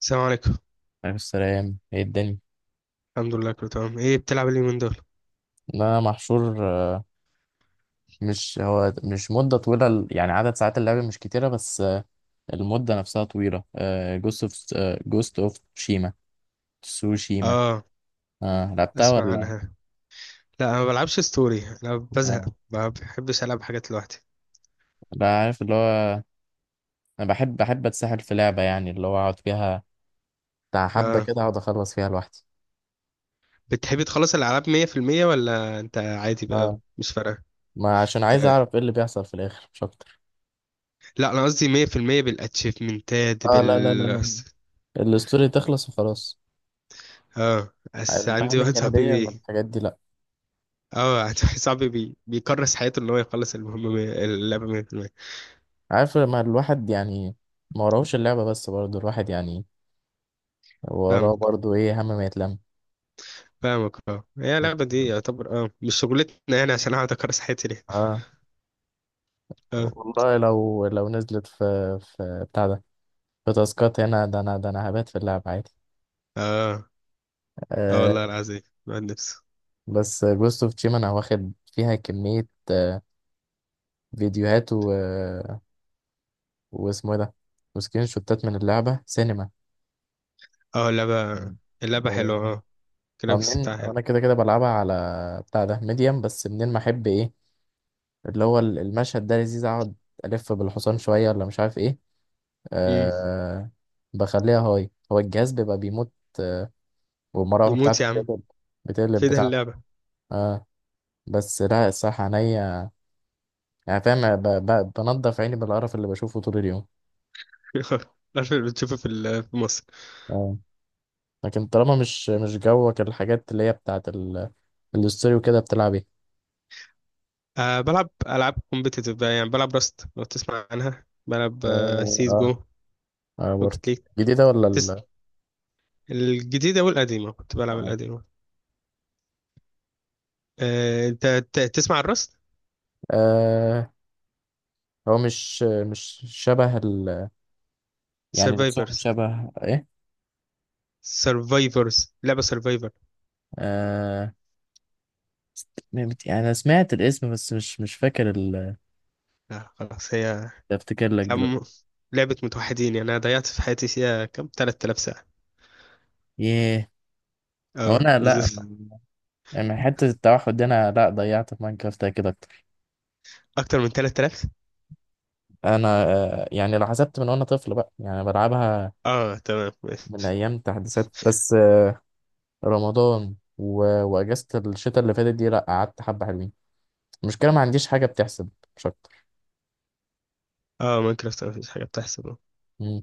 السلام عليكم. عليه السلام، ايه الدنيا؟ الحمد لله كله تمام، ايه بتلعب إيه اليومين دول؟ لا، محشور. مش مدة طويلة، يعني عدد ساعات اللعب مش كتيرة، بس المدة نفسها طويلة. جوست اوف جوست اوف تسوشيما. اه لعبتها اسمع ولا؟ عنها. لا انا ما بلعبش ستوري، انا بزهق. آه. ما بحبش العب حاجات لوحدي. لا، عارف اللي هو، انا بحب اتسحل في لعبة، يعني اللي هو اقعد فيها، بتاع حبة اه كده، اقعد اخلص فيها لوحدي. بتحبي تخلص الالعاب 100% ولا انت عادي بقى اه، مش فارقه؟ ما عشان عايز آه. اعرف ايه اللي بيحصل في الاخر، مش اكتر. لا انا قصدي 100% بالاتشيفمنتات اه لا لا لا، بال لا الستوري تخلص وخلاص، اه بس عندي المهام واحد صاحبي الجانبية بي والحاجات دي لا. اه عندي واحد صاحبي بيكرس حياته ان هو يخلص اللعبه 100%. عارف لما الواحد يعني ما وراهوش اللعبة، بس برضه الواحد، يعني وراه فاهمك برضه، ايه، هم ما يتلم. فاهمك. اه هي اللعبه دي يعتبر مش شغلتنا، يعني عشان اقعد اكرس حياتي ليه؟ اه اه والله، لو نزلت في بتاع ده، في تاسكات هنا، ده انا هبات في اللعب عادي. اه اه آه. والله العظيم بعد نفسه. بس جوست اوف تشيما انا واخد فيها كمية، فيديوهات و... واسمه ايه ده، وسكرين شوتات من اللعبة سينما. اه اللعبة، اللعبة حلوة. آه، اه، الجرافيكس منين، بتاعها حلو. انا كده كده بلعبها على بتاع ده ميديم، بس منين ما احب، ايه، اللي هو المشهد ده لذيذ، اقعد الف بالحصان شويه، ولا مش عارف ايه. مم. أه بخليها هاي، هو الجهاز بيبقى بيموت، آه، والمراوح يموت بتاعته يا عم بتقلب في ده بتاعته. اللعبة. اه، بس لا، الصح عينيا، يعني فاهم، بنضف عيني بالقرف اللي بشوفه طول اليوم. عارف اللي بتشوفه في في مصر. اه. لكن طالما مش جوك، الحاجات اللي هي بتاعت الاستوري وكده، بتلعب ايه؟ آه بلعب ألعاب كومبيتيتيف بقى، يعني بلعب راست لو تسمع عنها، بلعب اه سيس اه. جو، برضه. روكيت ليج، جديدة ولا تس... ال. الجديدة والقديمة، كنت بلعب آه. القديمة. آه، انت تسمع الراست؟ آه، هو مش شبه ال، يعني لبسهم سرفايفرز شبه ايه؟ سرفايفرز، لعبة سرفايفر. آه، يعني انا سمعت الاسم، بس مش فاكر ال، لا خلاص، افتكر لك هي دلوقتي. م- لعبة متوحدين، يعني أنا ضيعت في حياتي فيها كام 3000 ساعة. ياه. او اه انا لا بالظبط، يعني حته التوحد دي، انا لا، ضيعت في ماينكرافت كده اكتر. اكتر من 3000. انا، يعني لو حسبت من وانا طفل بقى، يعني بلعبها اه تمام من ماشي. ايام تحديثات، بس رمضان و... واجازه الشتاء اللي فاتت دي، لا قعدت حبه حلوين. المشكله ما عنديش حاجه بتحسب، مش اكتر. اه ماينكرافت مفيش حاجه بتحصل. آه، مم.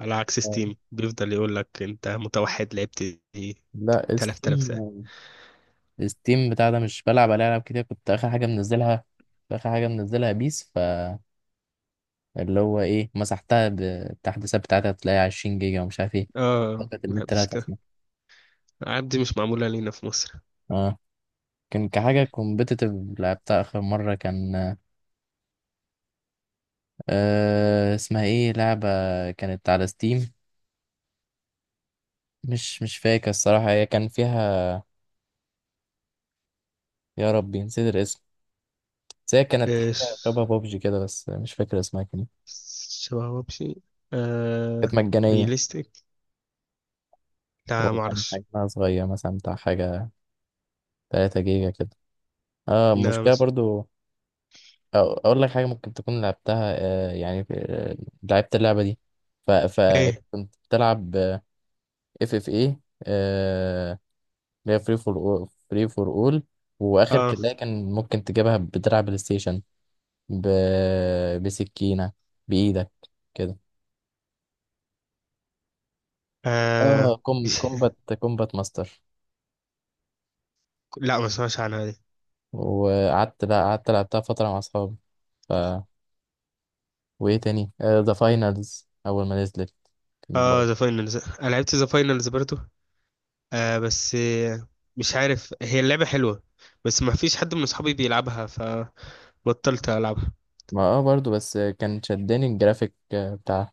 على عكس آه، ستيم بيفضل يقول لك انت متوحد لعبت ايه لا 3000 ساعه. ستيم، ستيم بتاع ده مش بلعب عليه العاب كتير، كنت اخر حاجه منزلها، اخر حاجه منزلها بيس، اللي هو ايه، مسحتها بالتحديثات بتاعتها، تلاقي 20 جيجا ومش عارف ايه. اه، فقط ما النت لا بحبش كده. تفنى. العاب دي مش معموله لينا في مصر. اه، كان كحاجة كومبيتيتيف، لعبتها آخر مرة كان، اسمها ايه لعبة، كانت على ستيم، مش فاكر الصراحة، هي كان فيها، يا ربي نسيت الاسم. بس هي كانت ايش، حاجة شبه بابجي كده، بس مش فاكر اسمها كان إيه. شبه وبشي؟ آه، كانت مجانية، ريليستيك. لا ما وكان اعرفش. حجمها صغير، مثلا بتاع حاجة 3 جيجا كده. اه، لا المشكلة مش برضو، أو اقول لك حاجه، ممكن تكون لعبتها، يعني لعبت اللعبه دي، ايه. فكنت بتلعب، اف اف ايه، اللي هي فري فور اول، واخر اه، كده كان ممكن تجيبها، بتلعب بلاي ستيشن ب... بسكينه بايدك كده، اه، آه، مش كوم كومبات كومبات ماستر. لا ما اسمعش عنها دي. وقعدت، لا قعدت لعبتها فتره مع اصحابي. ف وايه تاني، ذا فاينلز اول ما نزلت، كان اه ذا برضه، فاينلز، انا لعبت ذا فاينلز برضو. آه بس آه، مش عارف، هي اللعبة حلوة بس ما فيش حد من اصحابي بيلعبها، فبطلت العبها. ما برضه، بس كان شدني الجرافيك، بتاع.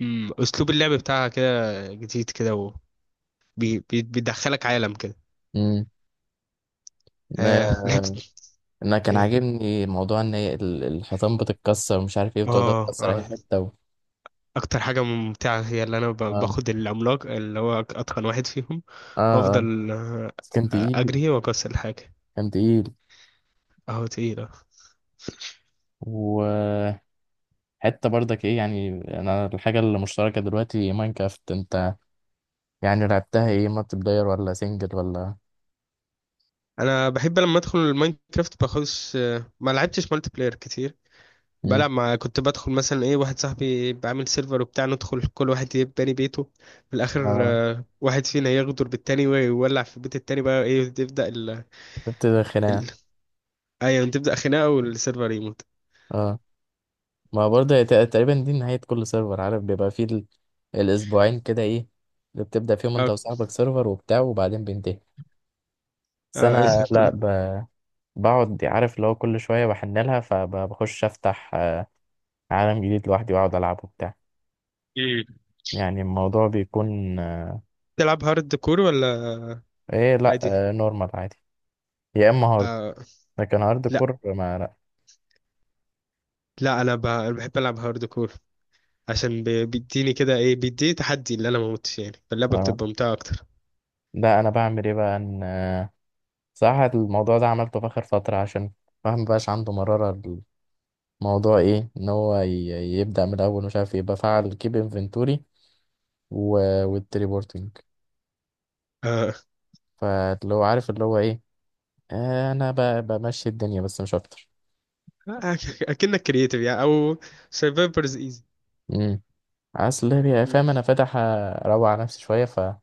مم. اسلوب اللعب بتاعها كده جديد كده، وبيدخلك عالم كده. امم. آه آه، لعبت انا كان ايه؟ عاجبني موضوع ان هي الحيطان بتتكسر، ومش عارف ايه، بتقدر اه، تكسر اي آه. حته و... اكتر حاجة ممتعة هي اللي انا اه باخد العملاق اللي هو اتقن واحد فيهم، اه. اه، وافضل بس كان تقيل، اجري واكسر الحاجة. كان تقيل، اهو تقيلة. وحته برضك ايه يعني. انا الحاجه المشتركه دلوقتي ماينكرافت، انت يعني لعبتها ايه، مالتي بلاير ولا سنجل ولا. انا بحب لما ادخل الماينكرافت باخدش آه، ما لعبتش مالتي بلاير كتير. امم. بلعب مع كنت بدخل مثلا ايه واحد صاحبي بعمل سيرفر وبتاع، ندخل كل واحد يبني باني بيته. في الاخر اه، واحد فينا يغدر بالتاني ويولع في بيت التاني، بقى ايه تبدا بتبتدي خناقه. ال... ايوه تبدا خناقه والسيرفر يموت. اه، ما برضه هي تقريبا دي نهايه كل سيرفر، عارف بيبقى فيه ال... الاسبوعين كده، ايه اللي بتبدا فيهم انت اه، وصاحبك سيرفر وبتاع، وبعدين بينتهي. بس اه انا اسم لا، كله بقعد، عارف اللي هو كل شوية بحن لها، فبخش أفتح عالم جديد لوحدي، وأقعد ألعب وبتاع. إيه. يعني الموضوع بيكون تلعب هارد كور ولا إيه، لأ. عادي؟ آه، نورمال عادي، يا إما هارد، آه لكن هارد لا كور ما لأ. لا، انا أنا بحب العب هارد كور، عشان بيديني كده ايه، بيديني تحدي اللي انا ما موتش، يعني فاللعبه آه. بتبقى ممتعه اكتر. ده أنا بعمل إيه بقى، إن صراحة الموضوع ده عملته في آخر فترة، عشان الواحد مبقاش عنده مرارة. الموضوع إيه، إن هو يبدأ من الأول، ومش عارف إيه، بفعل كيب إنفنتوري والتليبورتنج، اه فاللي هو عارف اللي هو إيه، أنا بمشي الدنيا، بس مش أكتر. اكنك كرييتيف يعني او سرفايفرز ايزي. اصل هي، فاهم، انا فاتح اروق على نفسي شويه، فمش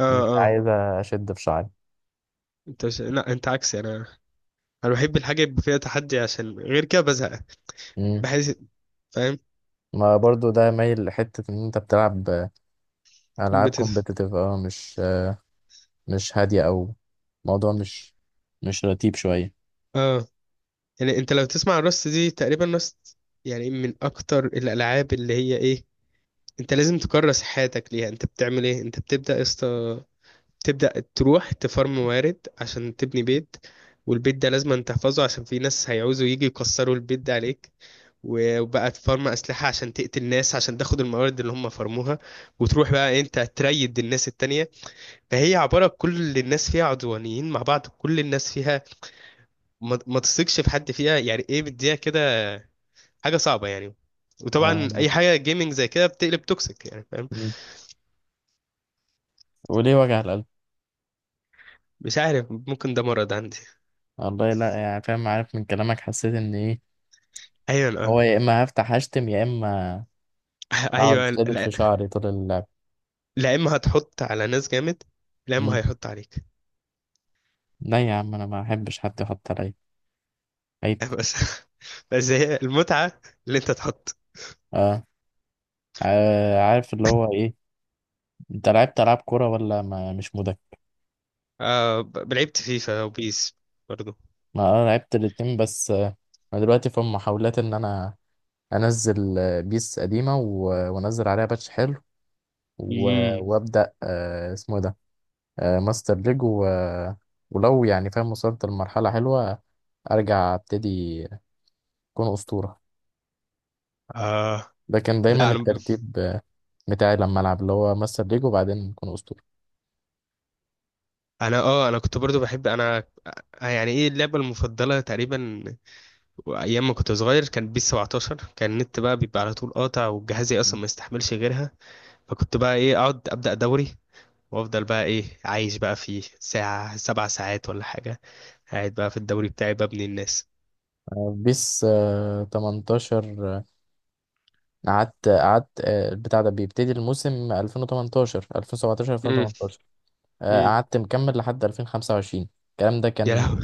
اه، اه، عايز اشد في شعري. انت لا انت عكسي. انا بحب الحاجه يبقى فيها تحدي، عشان غير كده بزهق، امم. بحس. فاهم. ما برضو، ده مايل لحته ان انت بتلعب العاب كومبيتيتيف. كومبتيتيف، اه، مش هاديه، او موضوع مش رتيب شويه. اه، يعني انت لو تسمع الرست دي، تقريبا رست يعني من اكتر الالعاب اللي هي ايه، انت لازم تكرس حياتك ليها. انت بتعمل ايه، انت بتبدا يا اسطى تبدا تروح تفرم موارد عشان تبني بيت. والبيت ده لازم أن تحفظه عشان في ناس هيعوزوا يجي يكسروا البيت ده عليك. وبقى تفرم أسلحة عشان تقتل ناس عشان تاخد الموارد اللي هم فرموها، وتروح بقى إيه، انت تريد الناس التانية. فهي عبارة كل الناس فيها عدوانيين مع بعض، كل الناس فيها ما تثقش في حد فيها، يعني ايه بديها كده، حاجة صعبة يعني. وطبعا اه. اي حاجة جيمنج زي كده بتقلب توكسيك، يعني فاهم. مم. وليه وجع القلب؟ مش عارف، ممكن ده مرض عندي. والله لا، يعني فاهم، عارف من كلامك، حسيت ان ايه، ايوه اه هو يا اما هفتح اشتم، يا اما اقعد ايوه شدد لا. في شعري طول اللعب. لا اما هتحط على ناس جامد، لا اما مم. هيحط عليك. لا يا عم، انا ما احبش حد يحط عليا، عيب. بس بس هي المتعة اللي انت تحط. اه، عارف اللي هو ايه، انت لعبت العاب كوره ولا ما مش مدك؟ آه، لعبت فيفا وبيس برضو. ما انا لعبت الاتنين، بس انا دلوقتي في محاولات ان انا انزل بيس قديمه، وانزل عليها باتش حلو، امم. وابدا اسمه إيه ده، ماستر ليج و... ولو يعني فاهم وصلت لمرحله حلوه، ارجع ابتدي اكون اسطوره. آه ده كان دايما لا. انا الترتيب بتاعي لما العب، اللي هو ماستر ليج، وبعدين اكون اسطوره. انا اه انا كنت برضو بحب انا آه، يعني ايه اللعبة المفضلة تقريبا ايام ما كنت صغير، كان بيس 17. كان النت بقى بيبقى على طول قاطع، وجهازي اصلا ما يستحملش غيرها. فكنت بقى ايه اقعد ابدأ دوري، وافضل بقى ايه عايش بقى فيه ساعة سبع ساعات ولا حاجة، قاعد بقى في الدوري بتاعي ببني الناس. بيس 18، قعدت البتاع ده بيبتدي الموسم 2018 2017 امم. 2018، امم. قعدت مكمل لحد 2025. الكلام ده يا كان لهوي.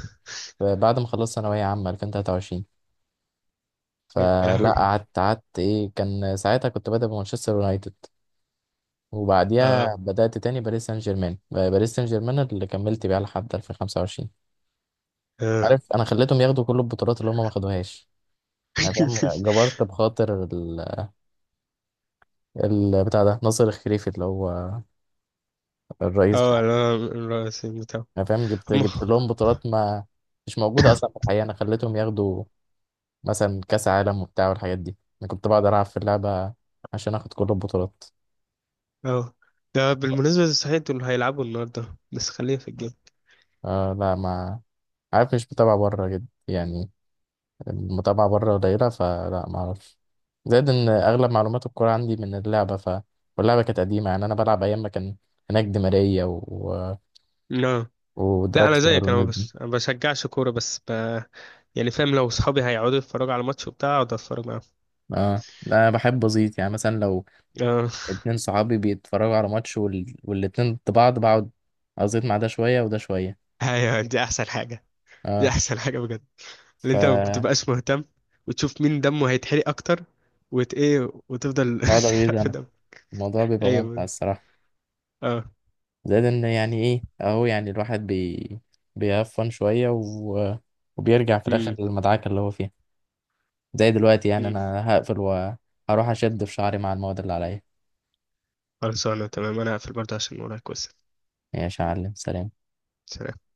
بعد ما خلصت ثانوية عامة 2023. يا فلا لهوي. قعدت ايه، كان ساعتها كنت بادئ بمانشستر يونايتد، اه. وبعديها بدأت تاني باريس سان جيرمان اللي كملت بيها لحد 2025. اه عارف، انا خليتهم ياخدوا كل البطولات اللي هم ما خدوهاش، يعني فاهم، جبرت بخاطر بتاع ده ناصر الخليفي اللي هو الرئيس. اه، لا الرئيس بتاعه. انا فاهم، جبت هم. جبت لهم بطولات، ما مش موجوده اصلا في الحقيقه، انا خليتهم ياخدوا مثلا كاس عالم وبتاع والحاجات دي. انا كنت بقعد العب في اللعبه عشان اخد كل البطولات. اه، ده بالمناسبة صحيح دول هيلعبوا النهاردة، بس خلينا في آه لا، ما عارف، مش متابعه بره جد يعني، المتابعه بره قليله، فلا ما اعرفش. زائد ان اغلب معلومات الكوره عندي من اللعبه، واللعبه كانت قديمه، يعني انا بلعب ايام ما كان هناك دي ماريا و... و... الجيم. لا انا ودراكسلر زيك، انا والناس دي. بس أنا بشجعش كوره، يعني فاهم لو صحابي هيقعدوا يتفرجوا على ماتش وبتاع اقعد اتفرج معاهم. اه لا، انا بحب ازيط، يعني مثلا لو اه اتنين صحابي بيتفرجوا على ماتش والاتنين ضد بعض، بقعد ازيط مع ده شوية وده شوية. ايوه دي احسن حاجه، دي اه. احسن حاجه بجد. ف اللي انت ما بتبقاش مهتم، وتشوف مين دمه هيتحرق اكتر، وت ايه وتفضل بقعد اغيظ تحرق في انا، دم. الموضوع بيبقى ممتع ايوه. الصراحة. اه. زائد ان، يعني ايه اهو، يعني الواحد بيهفن شوية و... وبيرجع في الاخر امم. للمدعكة اللي هو فيها. زي دلوقتي، يعني أمم. انا هقفل وهروح اشد في شعري مع المواد اللي عليا. خلاص انا تمام، انا هقفل برضه عشان ورايا كويس. ماشي يا معلم، سلام. سلام.